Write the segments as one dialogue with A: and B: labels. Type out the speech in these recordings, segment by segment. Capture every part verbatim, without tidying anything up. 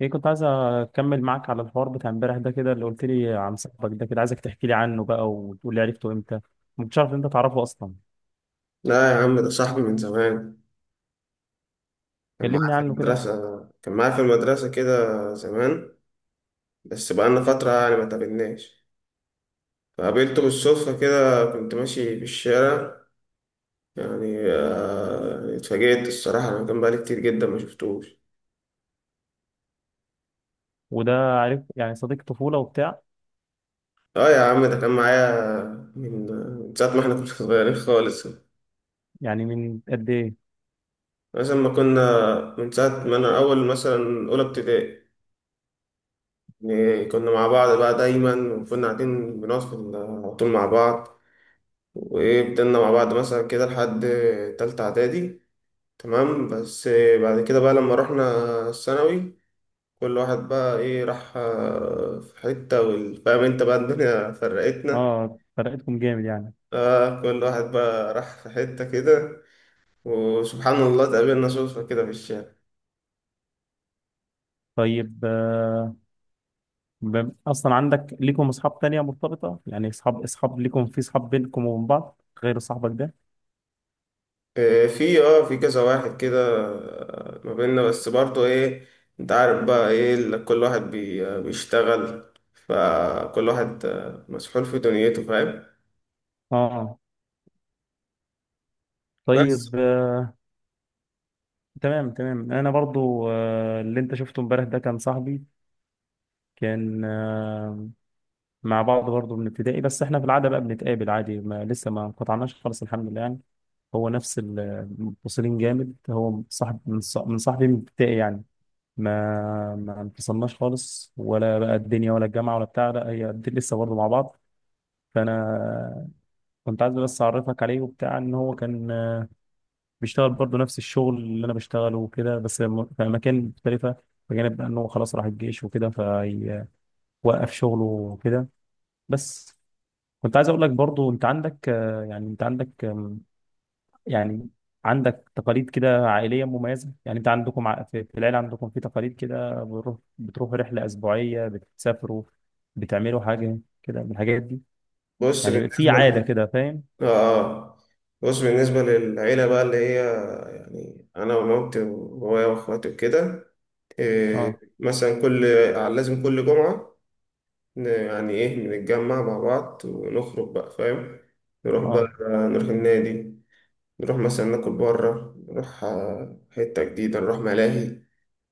A: ايه، كنت عايز اكمل معاك على الحوار بتاع امبارح ده، كده اللي قلت لي عن صاحبك ده. كده عايزك تحكي لي عنه بقى وتقول لي عرفته امتى. ما كنتش عارف إن انت تعرفه اصلا.
B: لا يا عم، ده صاحبي من زمان. كان معايا
A: كلمني
B: في
A: عنه كده.
B: المدرسة كان معايا في المدرسة كده زمان. بس بقالنا فترة يعني ما تقابلناش. فقابلته بالصدفة كده، كنت ماشي في الشارع. يعني آه، يعني اتفاجئت الصراحة، أنا كان بقالي كتير جدا ما شفتوش.
A: وده، عارف يعني صديق طفولة وبتاع.
B: اه يا عم، ده كان معايا من من ساعة ما احنا كنا صغيرين خالص.
A: يعني من قد ايه؟
B: مثلا ما كنا من ساعة ما أنا أول مثلا أولى ابتدائي. يعني كنا مع بعض بقى دايما، وكنا قاعدين بنقعد في ال- على طول مع بعض. وايه، فضلنا مع بعض مثلا كده لحد تالتة اعدادي. تمام. بس بعد كده بقى لما رحنا الثانوي، كل واحد بقى ايه راح آه، في حتة وال- فاهم انت بقى، الدنيا فرقتنا.
A: اه فرقتكم جامد يعني.
B: اه، كل واحد بقى راح في حتة كده. وسبحان الله اتقابلنا صدفة كده في الشارع.
A: طيب، آه ب- اصلا عندك ليكم اصحاب تانية مرتبطة؟ يعني اصحاب اصحاب ليكم، في اصحاب بينكم وبين بعض غير صاحبك ده؟
B: آه، في اه في كذا واحد كده. آه، ما بيننا بس برضه ايه، انت عارف بقى ايه ال- كل واحد بي- بيشتغل، فكل واحد آه، مسحول في دنيته، فاهم.
A: اه.
B: بس
A: طيب، آه تمام تمام، انا برضو آه اللي انت شفته امبارح ده كان صاحبي. كان آه، مع بعض برضه من ابتدائي، بس احنا في العاده بقى بنتقابل عادي، ما لسه ما قطعناش خالص الحمد لله يعني. هو نفس المتصلين جامد، هو صاحب من ص- من صاحبي من ابتدائي يعني. ما ما انفصلناش خالص، ولا بقى الدنيا ولا الجامعه ولا بتاع. لا، هي قد- لسه برضه مع بعض. فانا كنت عايز بس اعرفك عليه وبتاع، ان هو كان آه، بيشتغل برضه نفس الشغل اللي انا بشتغله وكده، بس م- في اماكن مختلفه، بجانب بقى ان هو خلاص راح الجيش وكده فوقف شغله وكده. بس كنت عايز اقول لك برضو، انت عندك آه، يعني انت عندك آم، يعني عندك تقاليد كده عائليه مميزه. يعني انت عندكم ع- في في العيله عندكم في تقاليد كده، بتروح بتروح رحله اسبوعيه، بتسافروا، بتعملوا حاجه كده من الحاجات دي،
B: بص
A: يعني في
B: بالنسبة
A: عاده
B: ل...
A: كده، فاهم؟
B: آه. آه. بص بالنسبة للعيلة بقى اللي هي، يعني أنا ومامتي وبابايا وأخواتي وكده. إيه،
A: اه.
B: مثلا كل آه، لازم كل جمعة ن- يعني إيه نتجمع مع بعض ونخرج بقى فاهم. نروح بقى،
A: اه.
B: نروح النادي، نروح مثلا ناكل بره، نروح آه، حتة جديدة، نروح ملاهي.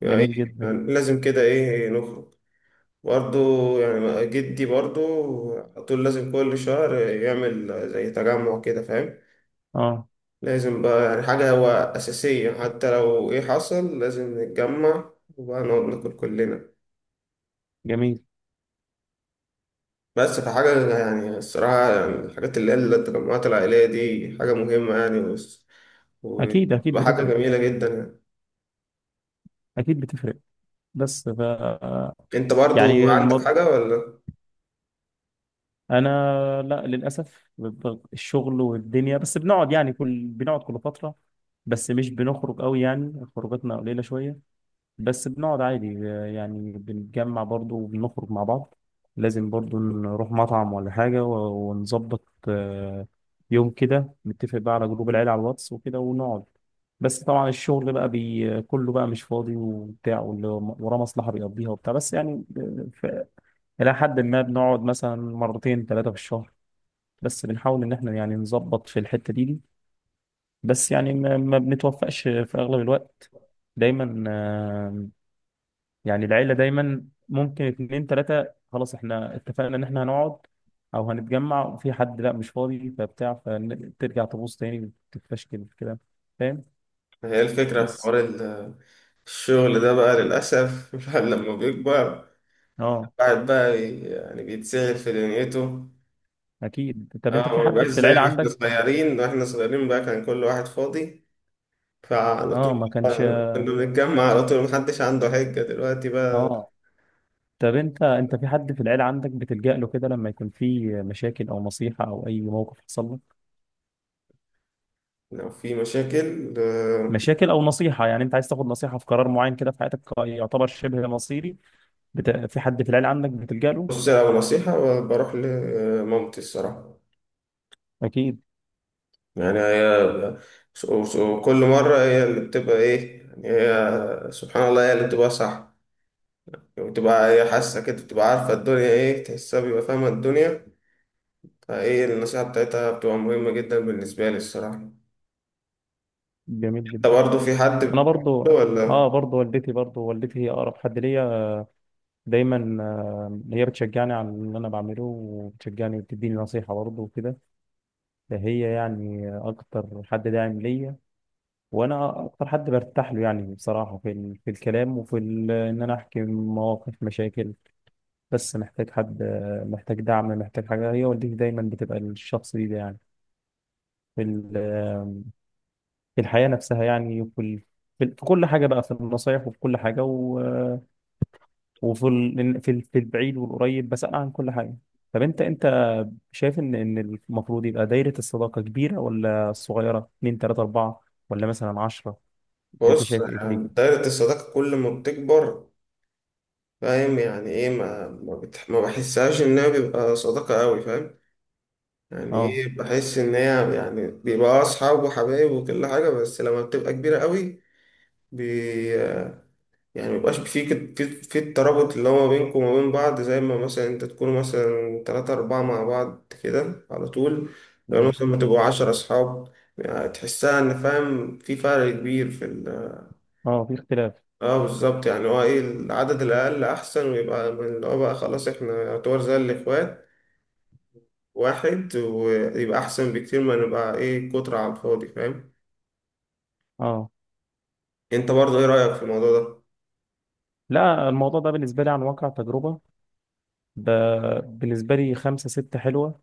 B: يعني إيه،
A: جميل جدا.
B: يعني لازم كده إيه نخرج. برضه يعني جدي برضه، على طول لازم كل شهر يعمل زي تجمع كده فاهم.
A: اه.
B: لازم بقى يعني حاجة هو أساسية، حتى لو إيه حصل لازم نتجمع، وبقى نقعد ناكل كلنا.
A: جميل.
B: بس فحاجة يعني الصراحة، يعني الحاجات اللي هي التجمعات العائلية دي حاجة مهمة يعني، وس-
A: اكيد اكيد
B: وبتبقى حاجة
A: بتفرق،
B: جميلة جدا يعني.
A: اكيد بتفرق. بس ف
B: أنت برضو
A: يعني
B: عندك
A: الموضوع،
B: حاجة ولا؟
A: انا لا للاسف، ب- ب- الشغل والدنيا، بس بنقعد يعني كل بنقعد كل فتره، بس مش بنخرج قوي، يعني خروجاتنا قليلة شوية. بس بنقعد عادي، آه، يعني بنتجمع برضو وبنخرج مع بعض. لازم برضو نروح مطعم ولا حاجة و- ونظبط آه، يوم كده، نتفق بقى على جروب العيلة على الواتس وكده ونقعد. بس طبعا الشغل بقى بي كله بقى مش فاضي وبتاع، واللي وراه مصلحة بيقضيها وبتاع، بس يعني آه، ف- إلى حد ما بنقعد مثلا مرتين ثلاثة في الشهر. بس بنحاول إن إحنا يعني نظبط في الحتة دي دي. بس يعني ما ما بنتوفقش في اغلب الوقت. دايما آه، يعني العيله دايما ممكن اتنين تلاته، خلاص احنا اتفقنا ان احنا هنقعد او هنتجمع، وفي حد لا مش فاضي فبتاع، فترجع تبوظ تاني تتفشكل كده، فاهم؟
B: هي الفكرة في
A: بس
B: حوار ال- الشغل ده بقى للأسف الواحد لما بيكبر،
A: اه.
B: الواحد بقى يعني بيتسهل في دنيته.
A: اكيد، طب انت
B: اه،
A: في
B: ما
A: حد
B: بيبقاش
A: في
B: زي
A: العيله
B: ما احنا
A: عندك؟
B: صغيرين. واحنا صغيرين بقى كان كل واحد فاضي، فعلى
A: اه
B: طول
A: ما كانش.
B: كنا بنتجمع على طول، محدش عنده حجة دلوقتي بقى.
A: اه، طب انت انت في حد في العيله عندك بتلجأ له كده لما يكون في مشاكل او نصيحه او اي موقف حصل لك؟
B: لو في مشاكل آه،
A: مشاكل او نصيحه، يعني انت عايز تاخد نصيحه في قرار معين كده في حياتك يعتبر شبه مصيري. بت... في حد في العيله عندك بتلجأ له؟
B: بص، لو نصيحة بروح لمامتي الصراحة.
A: اكيد.
B: يعني هي، وكل مرة هي اللي بتبقى ايه، يعني هي سبحان الله هي اللي بتبقى صح. بتبقى هي حاسة كده، بتبقى عارفة الدنيا ايه، تحسها بيبقى فاهمة الدنيا. فايه النصيحة بتاعتها بتبقى مهمة جدا بالنسبة لي الصراحة.
A: جميل
B: انت
A: جدا.
B: برضه في حد
A: انا
B: بتحبه
A: برضو اه،
B: ولا؟
A: برضو والدتي، برضو والدتي هي اقرب حد ليا. دايما آه، هي بتشجعني على اللي انا بعمله، وبتشجعني وبتديني نصيحه برضو وكده، فهي يعني اكتر حد داعم ليا. وانا اكتر حد برتاح له يعني بصراحه، في ال... في الكلام، وفي ال... ان انا احكي مواقف مشاكل، بس محتاج حد، محتاج دعم، محتاج حاجة، هي والدتي. دايما بتبقى الشخص دي, ده يعني، في ال- في الحياة نفسها يعني، وفي ال- في ال- في كل حاجة بقى، في النصايح وفي كل حاجة، و- وفي ال- في ال- في البعيد والقريب بسألها عن كل حاجة. طب انت انت شايف ان ان المفروض يبقى دايرة الصداقة كبيرة ولا صغيرة، اتنين تلاتة أربعة، ولا مثلا عشرة؟ انت
B: بص،
A: شايف ايه في دي؟
B: يعني دايرة الصداقة كل ما بتكبر فاهم، يعني ايه ما ما, بتح... ما بحسهاش انها بيبقى صداقة قوي فاهم. يعني
A: اه.
B: ايه، بحس ان هي يعني بيبقى اصحاب وحبايب وكل حاجة، بس لما بتبقى كبيرة قوي بي... يعني ميبقاش في كت- في في الترابط اللي هو بينكم وما بين بعض، زي ما مثلا انت تكونوا مثلا تلاتة أربعة مع بعض كده على طول. لو
A: اه.
B: مثلا ما تبقوا عشرة أصحاب، يعني تحسها إن فاهم في فرق كبير في ال.
A: اه، في اختلاف.
B: اه بالظبط، يعني هو ايه العدد الأقل أحسن، ويبقى من اللي هو بقى خلاص احنا يعتبر زي الإخوات واحد، ويبقى أحسن بكتير ما نبقى ايه كترة على الفاضي فاهم.
A: اه.
B: انت برضه ايه رأيك في الموضوع ده؟
A: لا، الموضوع ده بالنسبة لي عن واقع تجربة، ب- بالنسبة لي خمسة ستة حلوة،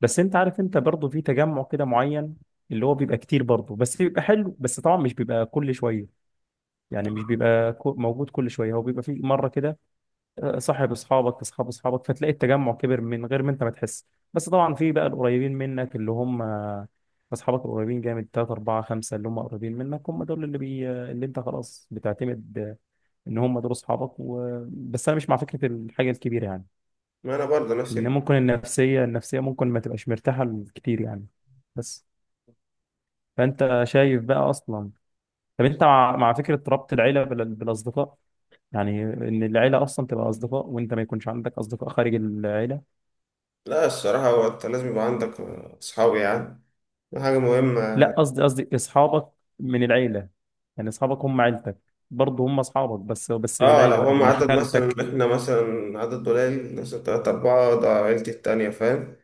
A: بس انت عارف، انت برضه في تجمع كده معين اللي هو بيبقى كتير برضه، بس بيبقى حلو. بس طبعا مش بيبقى كل شويه، يعني مش بيبقى كو- موجود كل شويه، هو بيبقى في مره كده، آه، صاحب اصحابك، اصحاب اصحابك، فتلاقي التجمع كبر من غير ما انت ما تحس. بس طبعا في بقى القريبين منك اللي هم آه، اصحابك القريبين جامد، تلاتة أربعة خمسة، اللي هم قريبين منك، هم دول اللي بي اللي انت خلاص بتعتمد آه، ان هم دول اصحابك و... بس انا مش مع فكره الحاجه الكبيره يعني،
B: ما أنا برضه نفس
A: لان
B: ال-
A: ممكن النفسيه النفسيه ممكن ما تبقاش مرتاحه كتير يعني. بس فانت شايف بقى اصلا، طب انت مع مع فكره ربط العيله بال- بالاصدقاء؟ يعني ان العيله اصلا تبقى اصدقاء، وانت ما يكونش عندك اصدقاء خارج العيله؟
B: لا الصراحة، هو انت لازم يبقى عندك أصحاب يعني، دي حاجة مهمة.
A: لا قصدي، قصدي اصحابك من العيله، يعني اصحابك هم عيلتك برضه، هم اصحابك بس، بس من
B: اه، لو
A: العيله، بقى
B: هم
A: ابن
B: عدد مثلا
A: خالتك.
B: احنا مثلا عدد قليل مثلا تلاتة أربعة ده عيلتي التانية فاهم،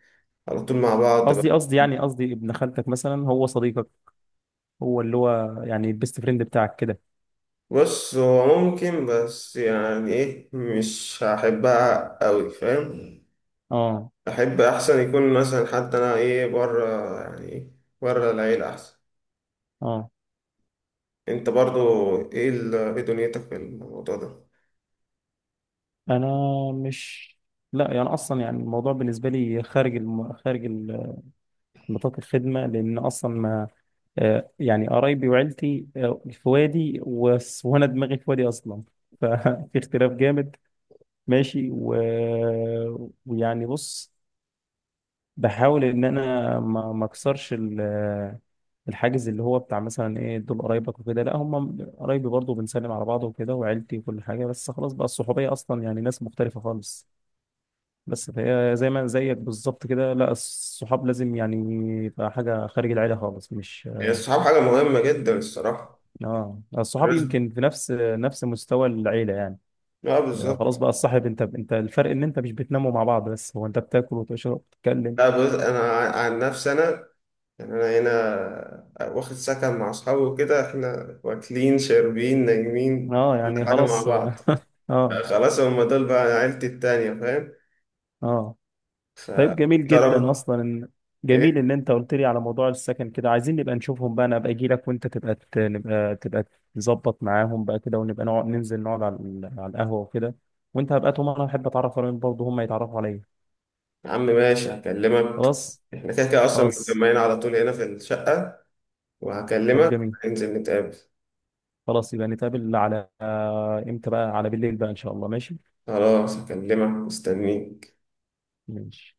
B: على طول مع بعض بقى.
A: قصدي، قصدي يعني قصدي ابن خالتك مثلا هو صديقك، هو اللي هو يعني البيست فريند بتاعك كده.
B: بص، هو ممكن، بس يعني ايه مش هحبها أوي فاهم.
A: اه.
B: أحب أحسن يكون مثلا حتى أنا ايه بره، يعني ايه بره العيلة أحسن.
A: اه.
B: أنت برضو ايه ال- ايه دنيتك في الموضوع ده؟
A: انا مش، لا يعني اصلا، يعني الموضوع بالنسبه لي خارج الم... خارج ال- نطاق الخدمه، لان اصلا ما آه، يعني قرايبي وعيلتي آه، في وادي، وس- وانا دماغي في وادي اصلا، ففي اختلاف جامد. ماشي و... ويعني بص، بحاول ان انا ما ما اكسرش ال- الحاجز اللي هو بتاع مثلا ايه دول قرايبك وكده. لا هم قرايبي برضه، بنسلم على بعض وكده، وعيلتي وكل حاجه، بس خلاص بقى الصحوبيه اصلا يعني ناس مختلفه خالص. بس فهي زي ما زيك بالظبط كده، لا الصحاب لازم يعني يبقى حاجه خارج العيله خالص، مش
B: يعني الصحاب حاجة مهمة جدا الصراحة.
A: اه. آه، الصحاب
B: لازم.
A: يمكن في نفس نفس مستوى العيله يعني.
B: اه
A: آه، خلاص
B: بالظبط.
A: بقى الصاحب، انت انت الفرق ان انت مش بتناموا مع بعض، بس هو انت بتاكل وتشرب وتتكلم.
B: لا، بص أنا عن نفسي أنا، يعني أنا هنا واخد سكن مع أصحابي وكده، إحنا واكلين شاربين نايمين
A: اه
B: كل
A: يعني
B: حاجة مع
A: خلاص. اه.
B: بعض.
A: اه.
B: خلاص، هما دول بقى عيلتي التانية فاهم.
A: آه. طيب جميل جدا
B: فقربت.
A: اصلا ان،
B: إيه،
A: جميل ان انت قلت لي على موضوع السكن كده، عايزين نبقى نشوفهم بقى، انا ابقى اجي لك وانت تبقى ت- نبقى تبقى تظبط معاهم بقى كده، ونبقى نقعد ننزل نقعد على ال- على القهوه وكده، وانت هبقى طول ما انا احب اتعرف عليهم، برضه هم يتعرفوا عليا.
B: يا عم ماشي هكلمك.
A: خلاص.
B: إحنا كده كده أصلا
A: خلاص
B: متجمعين على طول هنا في الشقة،
A: طب
B: وهكلمك،
A: جميل.
B: ننزل نتقابل.
A: خلاص يبقى نتقابل على امتى بقى، على بالليل بقى ان شاء الله. ماشي.
B: خلاص، هكلمك مستنيك.
A: ماشي.